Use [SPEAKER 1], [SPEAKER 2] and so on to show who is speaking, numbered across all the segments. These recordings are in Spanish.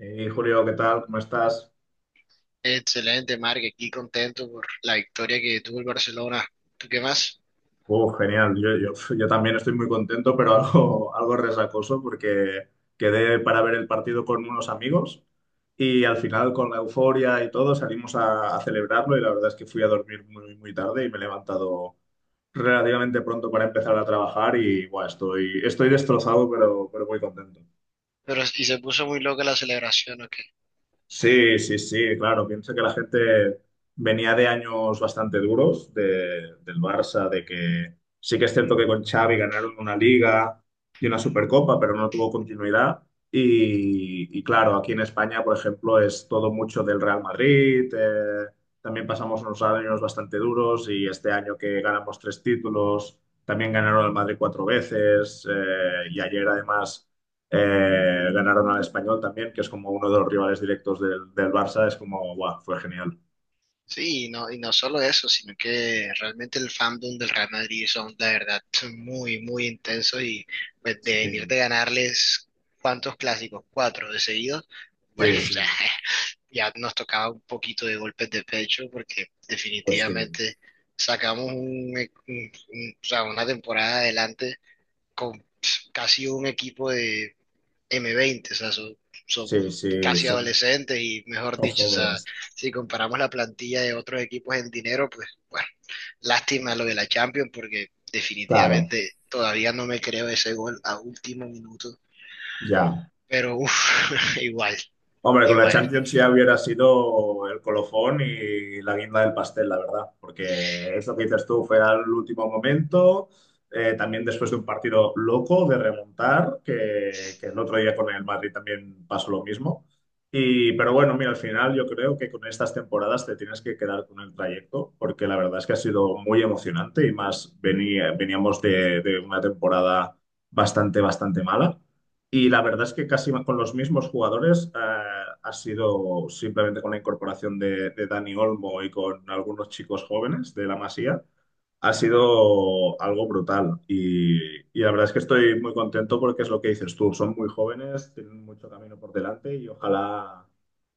[SPEAKER 1] Hey, Julio, ¿qué tal? ¿Cómo estás?
[SPEAKER 2] Excelente, Marc, aquí contento por la victoria que tuvo el Barcelona. ¿Tú qué más?
[SPEAKER 1] Oh, genial. Yo también estoy muy contento, pero algo resacoso porque quedé para ver el partido con unos amigos y al final con la euforia y todo salimos a celebrarlo y la verdad es que fui a dormir muy, muy tarde y me he levantado relativamente pronto para empezar a trabajar y buah, estoy destrozado, pero muy contento.
[SPEAKER 2] Pero y se puso muy loca la celebración, ¿ok?
[SPEAKER 1] Sí, sí, sí, claro. Pienso que la gente venía de años bastante duros del Barça, de que sí que es cierto que con Xavi ganaron una Liga y una Supercopa, pero no tuvo continuidad. Y claro, aquí en España, por ejemplo, es todo mucho del Real Madrid. También pasamos unos años bastante duros y este año que ganamos tres títulos, también ganaron el Madrid cuatro veces, y ayer además ganaron al Español también, que es como uno de los rivales directos del Barça. Es como, guau, fue genial.
[SPEAKER 2] Sí, y no solo eso, sino que realmente el fandom del Real Madrid son, la verdad, muy, muy intensos y pues de venir
[SPEAKER 1] Sí.
[SPEAKER 2] de ganarles cuántos clásicos, cuatro de seguido, bueno,
[SPEAKER 1] Sí,
[SPEAKER 2] o
[SPEAKER 1] sí.
[SPEAKER 2] sea,
[SPEAKER 1] Sí,
[SPEAKER 2] ya nos tocaba un poquito de golpes de pecho porque
[SPEAKER 1] pues sí.
[SPEAKER 2] definitivamente sacamos o sea, una temporada adelante con casi un equipo de M20, o sea, son
[SPEAKER 1] Sí, sí,
[SPEAKER 2] casi
[SPEAKER 1] son,
[SPEAKER 2] adolescentes y mejor
[SPEAKER 1] son
[SPEAKER 2] dicho, o sea,
[SPEAKER 1] jóvenes.
[SPEAKER 2] si comparamos la plantilla de otros equipos en dinero, pues bueno, lástima lo de la Champions porque
[SPEAKER 1] Claro,
[SPEAKER 2] definitivamente todavía no me creo ese gol a último minuto,
[SPEAKER 1] ya.
[SPEAKER 2] pero uff, igual,
[SPEAKER 1] Hombre, con la
[SPEAKER 2] igual.
[SPEAKER 1] Champions ya hubiera sido el colofón y la guinda del pastel, la verdad, porque eso que dices tú fue al último momento, también después de un partido loco de remontar, que el otro día con el Madrid también pasó lo mismo. Y pero bueno, mira, al final yo creo que con estas temporadas te tienes que quedar con el trayecto, porque la verdad es que ha sido muy emocionante y más veníamos de una temporada bastante, bastante mala. Y la verdad es que casi con los mismos jugadores, ha sido simplemente con la incorporación de Dani Olmo y con algunos chicos jóvenes de la Masía, ha sido algo brutal. Y y la verdad es que estoy muy contento porque es lo que dices tú, son muy jóvenes, tienen mucho camino por delante y ojalá,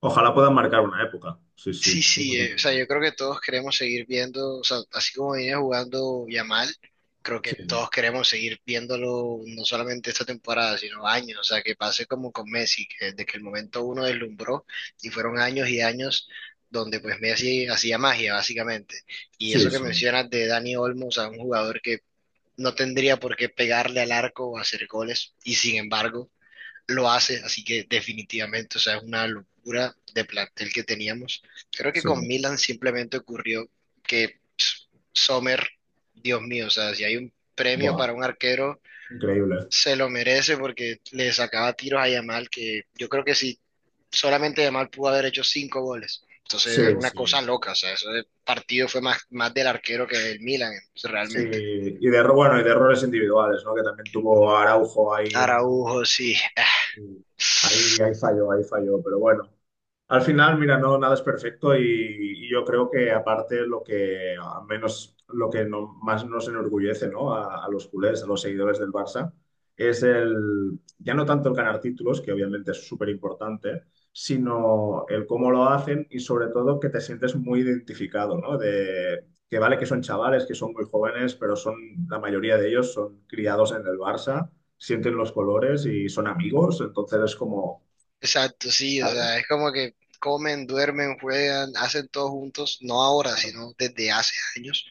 [SPEAKER 1] ojalá puedan marcar una época. Sí, sí.
[SPEAKER 2] Sí, sí, o sea, yo creo que todos queremos seguir viendo, o sea, así como viene jugando Yamal, creo que todos queremos seguir viéndolo no solamente esta temporada, sino años, o sea, que pase como con Messi, que desde que el momento uno deslumbró y fueron años y años donde pues Messi hacía magia, básicamente. Y
[SPEAKER 1] Sí,
[SPEAKER 2] eso que
[SPEAKER 1] sí,
[SPEAKER 2] mencionas de Dani Olmo, o sea, un jugador que no tendría por qué pegarle al arco o hacer goles, y sin embargo lo hace, así que definitivamente, o sea, es una locura de plantel que teníamos. Creo que con
[SPEAKER 1] sí.
[SPEAKER 2] Milan simplemente ocurrió que Sommer, Dios mío, o sea, si hay un premio
[SPEAKER 1] Buah,
[SPEAKER 2] para un arquero,
[SPEAKER 1] increíble.
[SPEAKER 2] se lo merece porque le sacaba tiros a Yamal, que yo creo que si solamente Yamal pudo haber hecho cinco goles. Entonces era
[SPEAKER 1] Sí,
[SPEAKER 2] una cosa
[SPEAKER 1] sí.
[SPEAKER 2] loca, o sea, ese partido fue más, más del arquero que del Milan,
[SPEAKER 1] Sí,
[SPEAKER 2] realmente.
[SPEAKER 1] bueno, y de errores individuales, ¿no? Que también tuvo Araujo ahí en los últimos
[SPEAKER 2] Araujo, sí.
[SPEAKER 1] minutos. Ahí, ahí falló, pero bueno, al final, mira, no, nada es perfecto, y yo creo que aparte lo al menos lo que no- más nos enorgullece, ¿no? A los culés, a los seguidores del Barça, es el, ya no tanto el ganar títulos, que obviamente es súper importante, sino el cómo lo hacen y sobre todo que te sientes muy identificado, ¿no? De que vale que son chavales, que son muy jóvenes, pero son, la mayoría de ellos son criados en el Barça, sienten los colores y son amigos, entonces es como,
[SPEAKER 2] Exacto, sí, o
[SPEAKER 1] ¿sabes?
[SPEAKER 2] sea, es como que comen, duermen, juegan, hacen todo juntos, no ahora,
[SPEAKER 1] Claro.
[SPEAKER 2] sino desde hace años.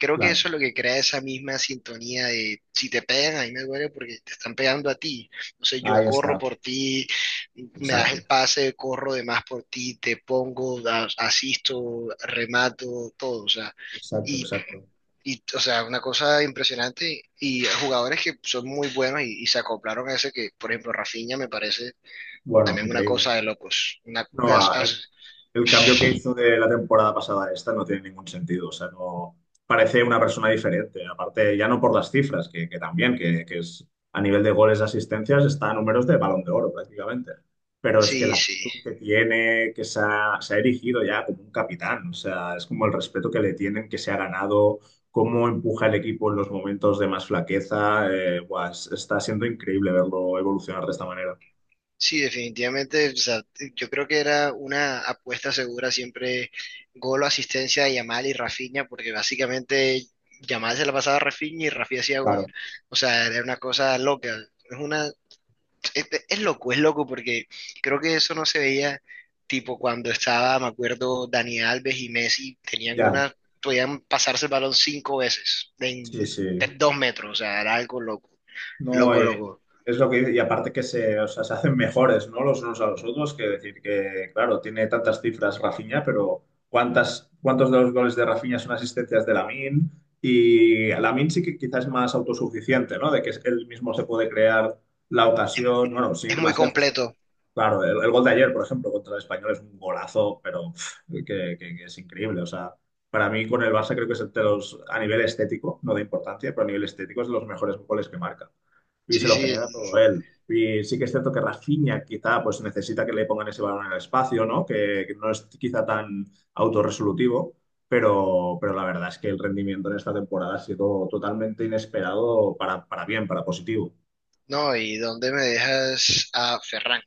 [SPEAKER 2] Creo que
[SPEAKER 1] Claro.
[SPEAKER 2] eso es lo que crea esa misma sintonía de si te pegan, a mí me duele porque te están pegando a ti. Entonces yo
[SPEAKER 1] Ahí
[SPEAKER 2] corro
[SPEAKER 1] está,
[SPEAKER 2] por ti, me das
[SPEAKER 1] exacto,
[SPEAKER 2] el pase, corro de más por ti, te pongo, asisto, remato, todo, o sea.
[SPEAKER 1] exacto,
[SPEAKER 2] Y,
[SPEAKER 1] exacto.
[SPEAKER 2] y, o sea, una cosa impresionante y jugadores que son muy buenos y se acoplaron a ese que, por ejemplo, Rafinha me parece
[SPEAKER 1] Bueno,
[SPEAKER 2] también una
[SPEAKER 1] increíble.
[SPEAKER 2] cosa de locos.
[SPEAKER 1] No, ah, el cambio que hizo de la temporada pasada a esta no tiene ningún sentido. O sea, no parece una persona diferente. Aparte, ya no por las cifras, que también, que es a nivel de goles de asistencias, está a números de Balón de Oro prácticamente. Pero es que
[SPEAKER 2] Sí,
[SPEAKER 1] la
[SPEAKER 2] sí,
[SPEAKER 1] actitud que tiene, que se ha erigido ya como un capitán. O sea, es como el respeto que le tienen, que se ha ganado, cómo empuja el equipo en los momentos de más flaqueza. Buah, está siendo increíble verlo evolucionar de esta manera.
[SPEAKER 2] sí, definitivamente. O sea, yo creo que era una apuesta segura siempre gol o asistencia de Yamal y Rafinha, porque básicamente Yamal se la pasaba a Rafinha y Rafinha hacía gol.
[SPEAKER 1] Claro,
[SPEAKER 2] O sea, era una cosa loca. Es una, es loco, es loco porque creo que eso no se veía tipo cuando estaba, me acuerdo, Dani Alves y Messi tenían
[SPEAKER 1] ya.
[SPEAKER 2] una, podían pasarse el balón cinco veces
[SPEAKER 1] Sí,
[SPEAKER 2] en de
[SPEAKER 1] sí.
[SPEAKER 2] 2 metros, o sea, era algo loco,
[SPEAKER 1] No,
[SPEAKER 2] loco, loco.
[SPEAKER 1] es lo que dice, y aparte que se, o sea, se hacen mejores, ¿no? Los unos a los otros, que decir que, claro, tiene tantas cifras Rafinha, pero ¿cuántas, cuántos de los goles de Rafinha son asistencias de Lamine? Y Lamine sí que quizás es más autosuficiente, ¿no? De que él mismo se puede crear la ocasión, bueno, sin
[SPEAKER 2] Es
[SPEAKER 1] ir
[SPEAKER 2] muy
[SPEAKER 1] más lejos.
[SPEAKER 2] completo.
[SPEAKER 1] Claro, el gol de ayer, por ejemplo, contra el Español es un golazo, pero pf, que es increíble, o sea. Para mí, con el Barça creo que es de los, a nivel estético, no de importancia, pero a nivel estético es de los mejores goles que marca y se
[SPEAKER 2] Sí,
[SPEAKER 1] lo
[SPEAKER 2] sí,
[SPEAKER 1] genera todo él. Y sí que es cierto que Rafinha quizá pues necesita que le pongan ese balón en el espacio, ¿no? Que no es quizá tan autorresolutivo, pero la verdad es que el rendimiento en esta temporada ha sido totalmente inesperado para bien, para positivo.
[SPEAKER 2] no, ¿y dónde me dejas a Ferran?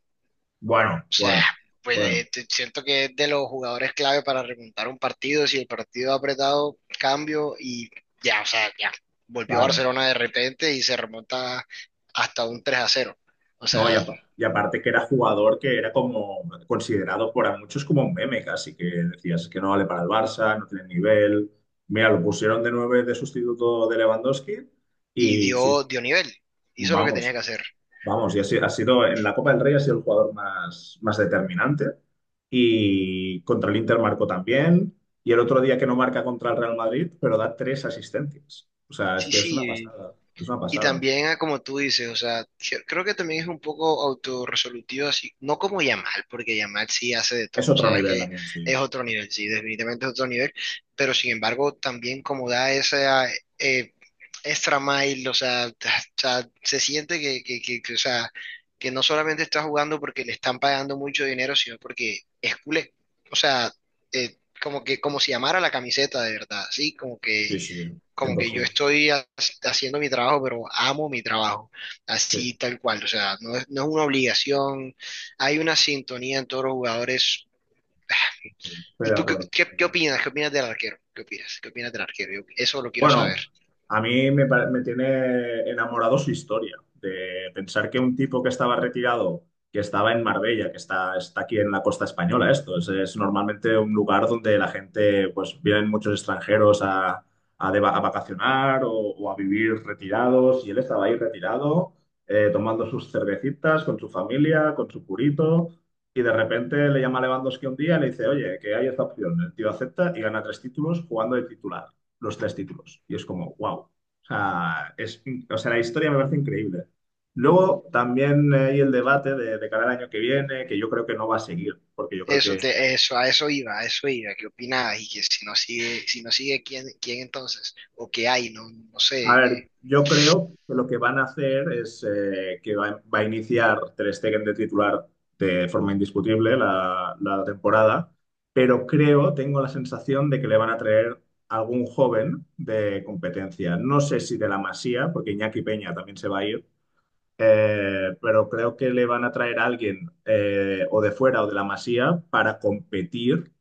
[SPEAKER 1] Bueno,
[SPEAKER 2] O sea,
[SPEAKER 1] bueno,
[SPEAKER 2] pues
[SPEAKER 1] bueno,
[SPEAKER 2] siento que es de los jugadores clave para remontar un partido. Si el partido ha apretado, cambio y ya, o sea, ya. Volvió
[SPEAKER 1] claro.
[SPEAKER 2] Barcelona de repente y se remonta hasta un 3-0. O
[SPEAKER 1] No,
[SPEAKER 2] sea,
[SPEAKER 1] y aparte que era jugador que era como considerado por a muchos como un meme casi, que decías que no vale para el Barça, no tiene nivel. Mira, lo pusieron de nueve de sustituto de Lewandowski.
[SPEAKER 2] y
[SPEAKER 1] Y sin...
[SPEAKER 2] dio nivel. Hizo lo que tenía
[SPEAKER 1] Vamos,
[SPEAKER 2] que hacer.
[SPEAKER 1] vamos, y ha sido en la Copa del Rey, ha sido el jugador más, más determinante y contra el Inter marcó también y el otro día que no marca contra el Real Madrid, pero da tres asistencias. O sea, es
[SPEAKER 2] Sí,
[SPEAKER 1] que es una
[SPEAKER 2] sí.
[SPEAKER 1] pasada, es una
[SPEAKER 2] Y
[SPEAKER 1] pasada.
[SPEAKER 2] también, ah, como tú dices, o sea, creo que también es un poco autorresolutivo, así, no como Yamal, porque Yamal sí hace de
[SPEAKER 1] Es
[SPEAKER 2] todo, o
[SPEAKER 1] otro
[SPEAKER 2] sea, es
[SPEAKER 1] nivel
[SPEAKER 2] que
[SPEAKER 1] también, sí.
[SPEAKER 2] es otro nivel, sí, definitivamente es otro nivel, pero sin embargo, también como da esa eh, extra mile, o sea, o sea, se siente que, o sea, que no solamente está jugando porque le están pagando mucho dinero, sino porque es culé, o sea, como que, como si amara la camiseta de verdad, sí, como que
[SPEAKER 1] Sí, sí,
[SPEAKER 2] como que yo
[SPEAKER 1] 100%.
[SPEAKER 2] estoy haciendo mi trabajo, pero amo mi trabajo,
[SPEAKER 1] Sí, sí,
[SPEAKER 2] así tal cual, o sea, no es, no es una obligación, hay una sintonía en todos los jugadores.
[SPEAKER 1] sí, estoy
[SPEAKER 2] ¿Y
[SPEAKER 1] de
[SPEAKER 2] tú qué,
[SPEAKER 1] acuerdo.
[SPEAKER 2] qué, qué opinas? ¿Qué opinas del arquero? ¿Qué opinas? ¿Qué opinas del arquero? Eso lo quiero
[SPEAKER 1] Bueno,
[SPEAKER 2] saber.
[SPEAKER 1] a mí me, pare- me tiene enamorado su historia, de pensar que un tipo que estaba retirado, que estaba en Marbella, está aquí en la costa española, esto es normalmente un lugar donde la gente, pues vienen muchos extranjeros a vacacionar o a vivir retirados, y él estaba ahí retirado, tomando sus cervecitas con su familia, con su purito. Y de repente le llama a Lewandowski un día y le dice, oye, que hay esta opción. El tío acepta y gana tres títulos jugando de titular los tres títulos. Y es como, wow. O sea, es, o sea, la historia me parece increíble. Luego también hay el debate de cara al año que viene, que yo creo que no va a seguir, porque yo creo que,
[SPEAKER 2] A eso iba, ¿qué opinabas? Y que si no sigue, si no sigue, ¿quién entonces? O qué hay, no, no
[SPEAKER 1] a
[SPEAKER 2] sé,
[SPEAKER 1] ver, yo creo que lo que van a hacer es, que va a iniciar Ter Stegen de titular de forma indiscutible la temporada, pero creo, tengo la sensación de que le van a traer algún joven de competencia. No sé si de la Masía, porque Iñaki Peña también se va a ir. Pero creo que le van a traer a alguien, o de fuera o de la Masía para competir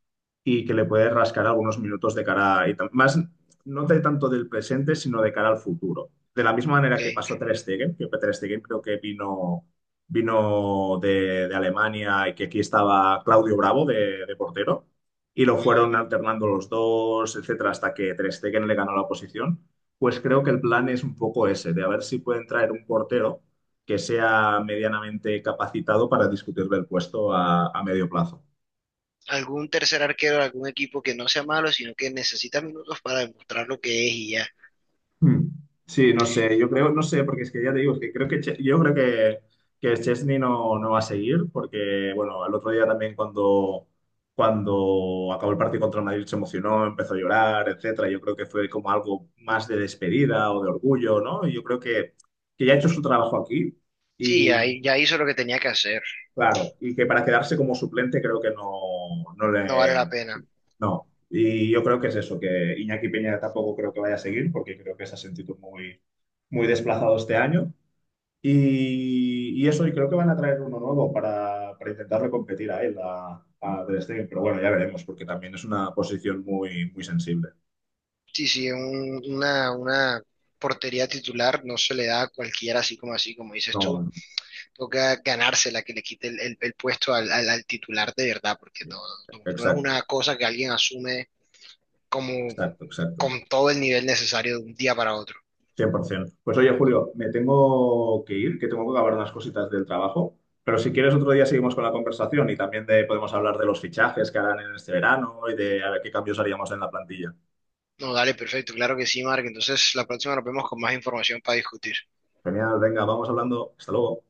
[SPEAKER 1] y que le puede rascar algunos minutos de cara, y más no de tanto del presente, sino de cara al futuro. De la misma
[SPEAKER 2] ok.
[SPEAKER 1] manera que pasó Ter Stegen, que Ter Stegen creo que vino, vino de Alemania y que aquí estaba Claudio Bravo de portero, y lo
[SPEAKER 2] Ujú.
[SPEAKER 1] fueron alternando los dos, etcétera, hasta que Ter Stegen le ganó la posición. Pues creo que el plan es un poco ese, de a ver si pueden traer un portero que sea medianamente capacitado para discutirle el puesto a medio plazo.
[SPEAKER 2] ¿Algún tercer arquero de algún equipo que no sea malo, sino que necesita minutos para demostrar lo que es y ya?
[SPEAKER 1] Hmm. Sí, no sé, yo creo, no sé, porque es que ya te digo, es que creo que yo creo que Chesney no, no va a seguir, porque bueno, el otro día también cuando acabó el partido contra el Madrid se emocionó, empezó a llorar, etcétera. Yo creo que fue como algo más de despedida o de orgullo, ¿no? Que ya ha hecho su trabajo aquí
[SPEAKER 2] Sí, ya,
[SPEAKER 1] y
[SPEAKER 2] ya hizo lo que tenía que hacer.
[SPEAKER 1] claro, y que para quedarse como suplente creo que no
[SPEAKER 2] No vale la
[SPEAKER 1] le,
[SPEAKER 2] pena.
[SPEAKER 1] no. Y yo creo que es eso, que Iñaki Peña tampoco creo que vaya a seguir, porque creo que se ha sentido muy, muy desplazado este año. Y eso, y creo que van a traer uno nuevo para intentarle competir a él, a Ter Stegen. Pero bueno, ya veremos, porque también es una posición muy, muy sensible.
[SPEAKER 2] Sí, sí, una portería titular no se le da a cualquiera así, como dices tú.
[SPEAKER 1] No,
[SPEAKER 2] Toca ganársela que le quite el puesto al titular de verdad, porque no es
[SPEAKER 1] exacto,
[SPEAKER 2] una cosa que alguien asume como
[SPEAKER 1] exacto, exacto.
[SPEAKER 2] con todo el nivel necesario de un día para otro.
[SPEAKER 1] 100%. Pues oye, Julio, me tengo que ir, que tengo que acabar unas cositas del trabajo, pero si quieres otro día seguimos con la conversación y también podemos hablar de los fichajes que harán en este verano y de a ver qué cambios haríamos en la plantilla.
[SPEAKER 2] No, dale, perfecto, claro que sí, Mark. Entonces la próxima nos vemos con más información para discutir.
[SPEAKER 1] Genial, venga, vamos hablando. Hasta luego.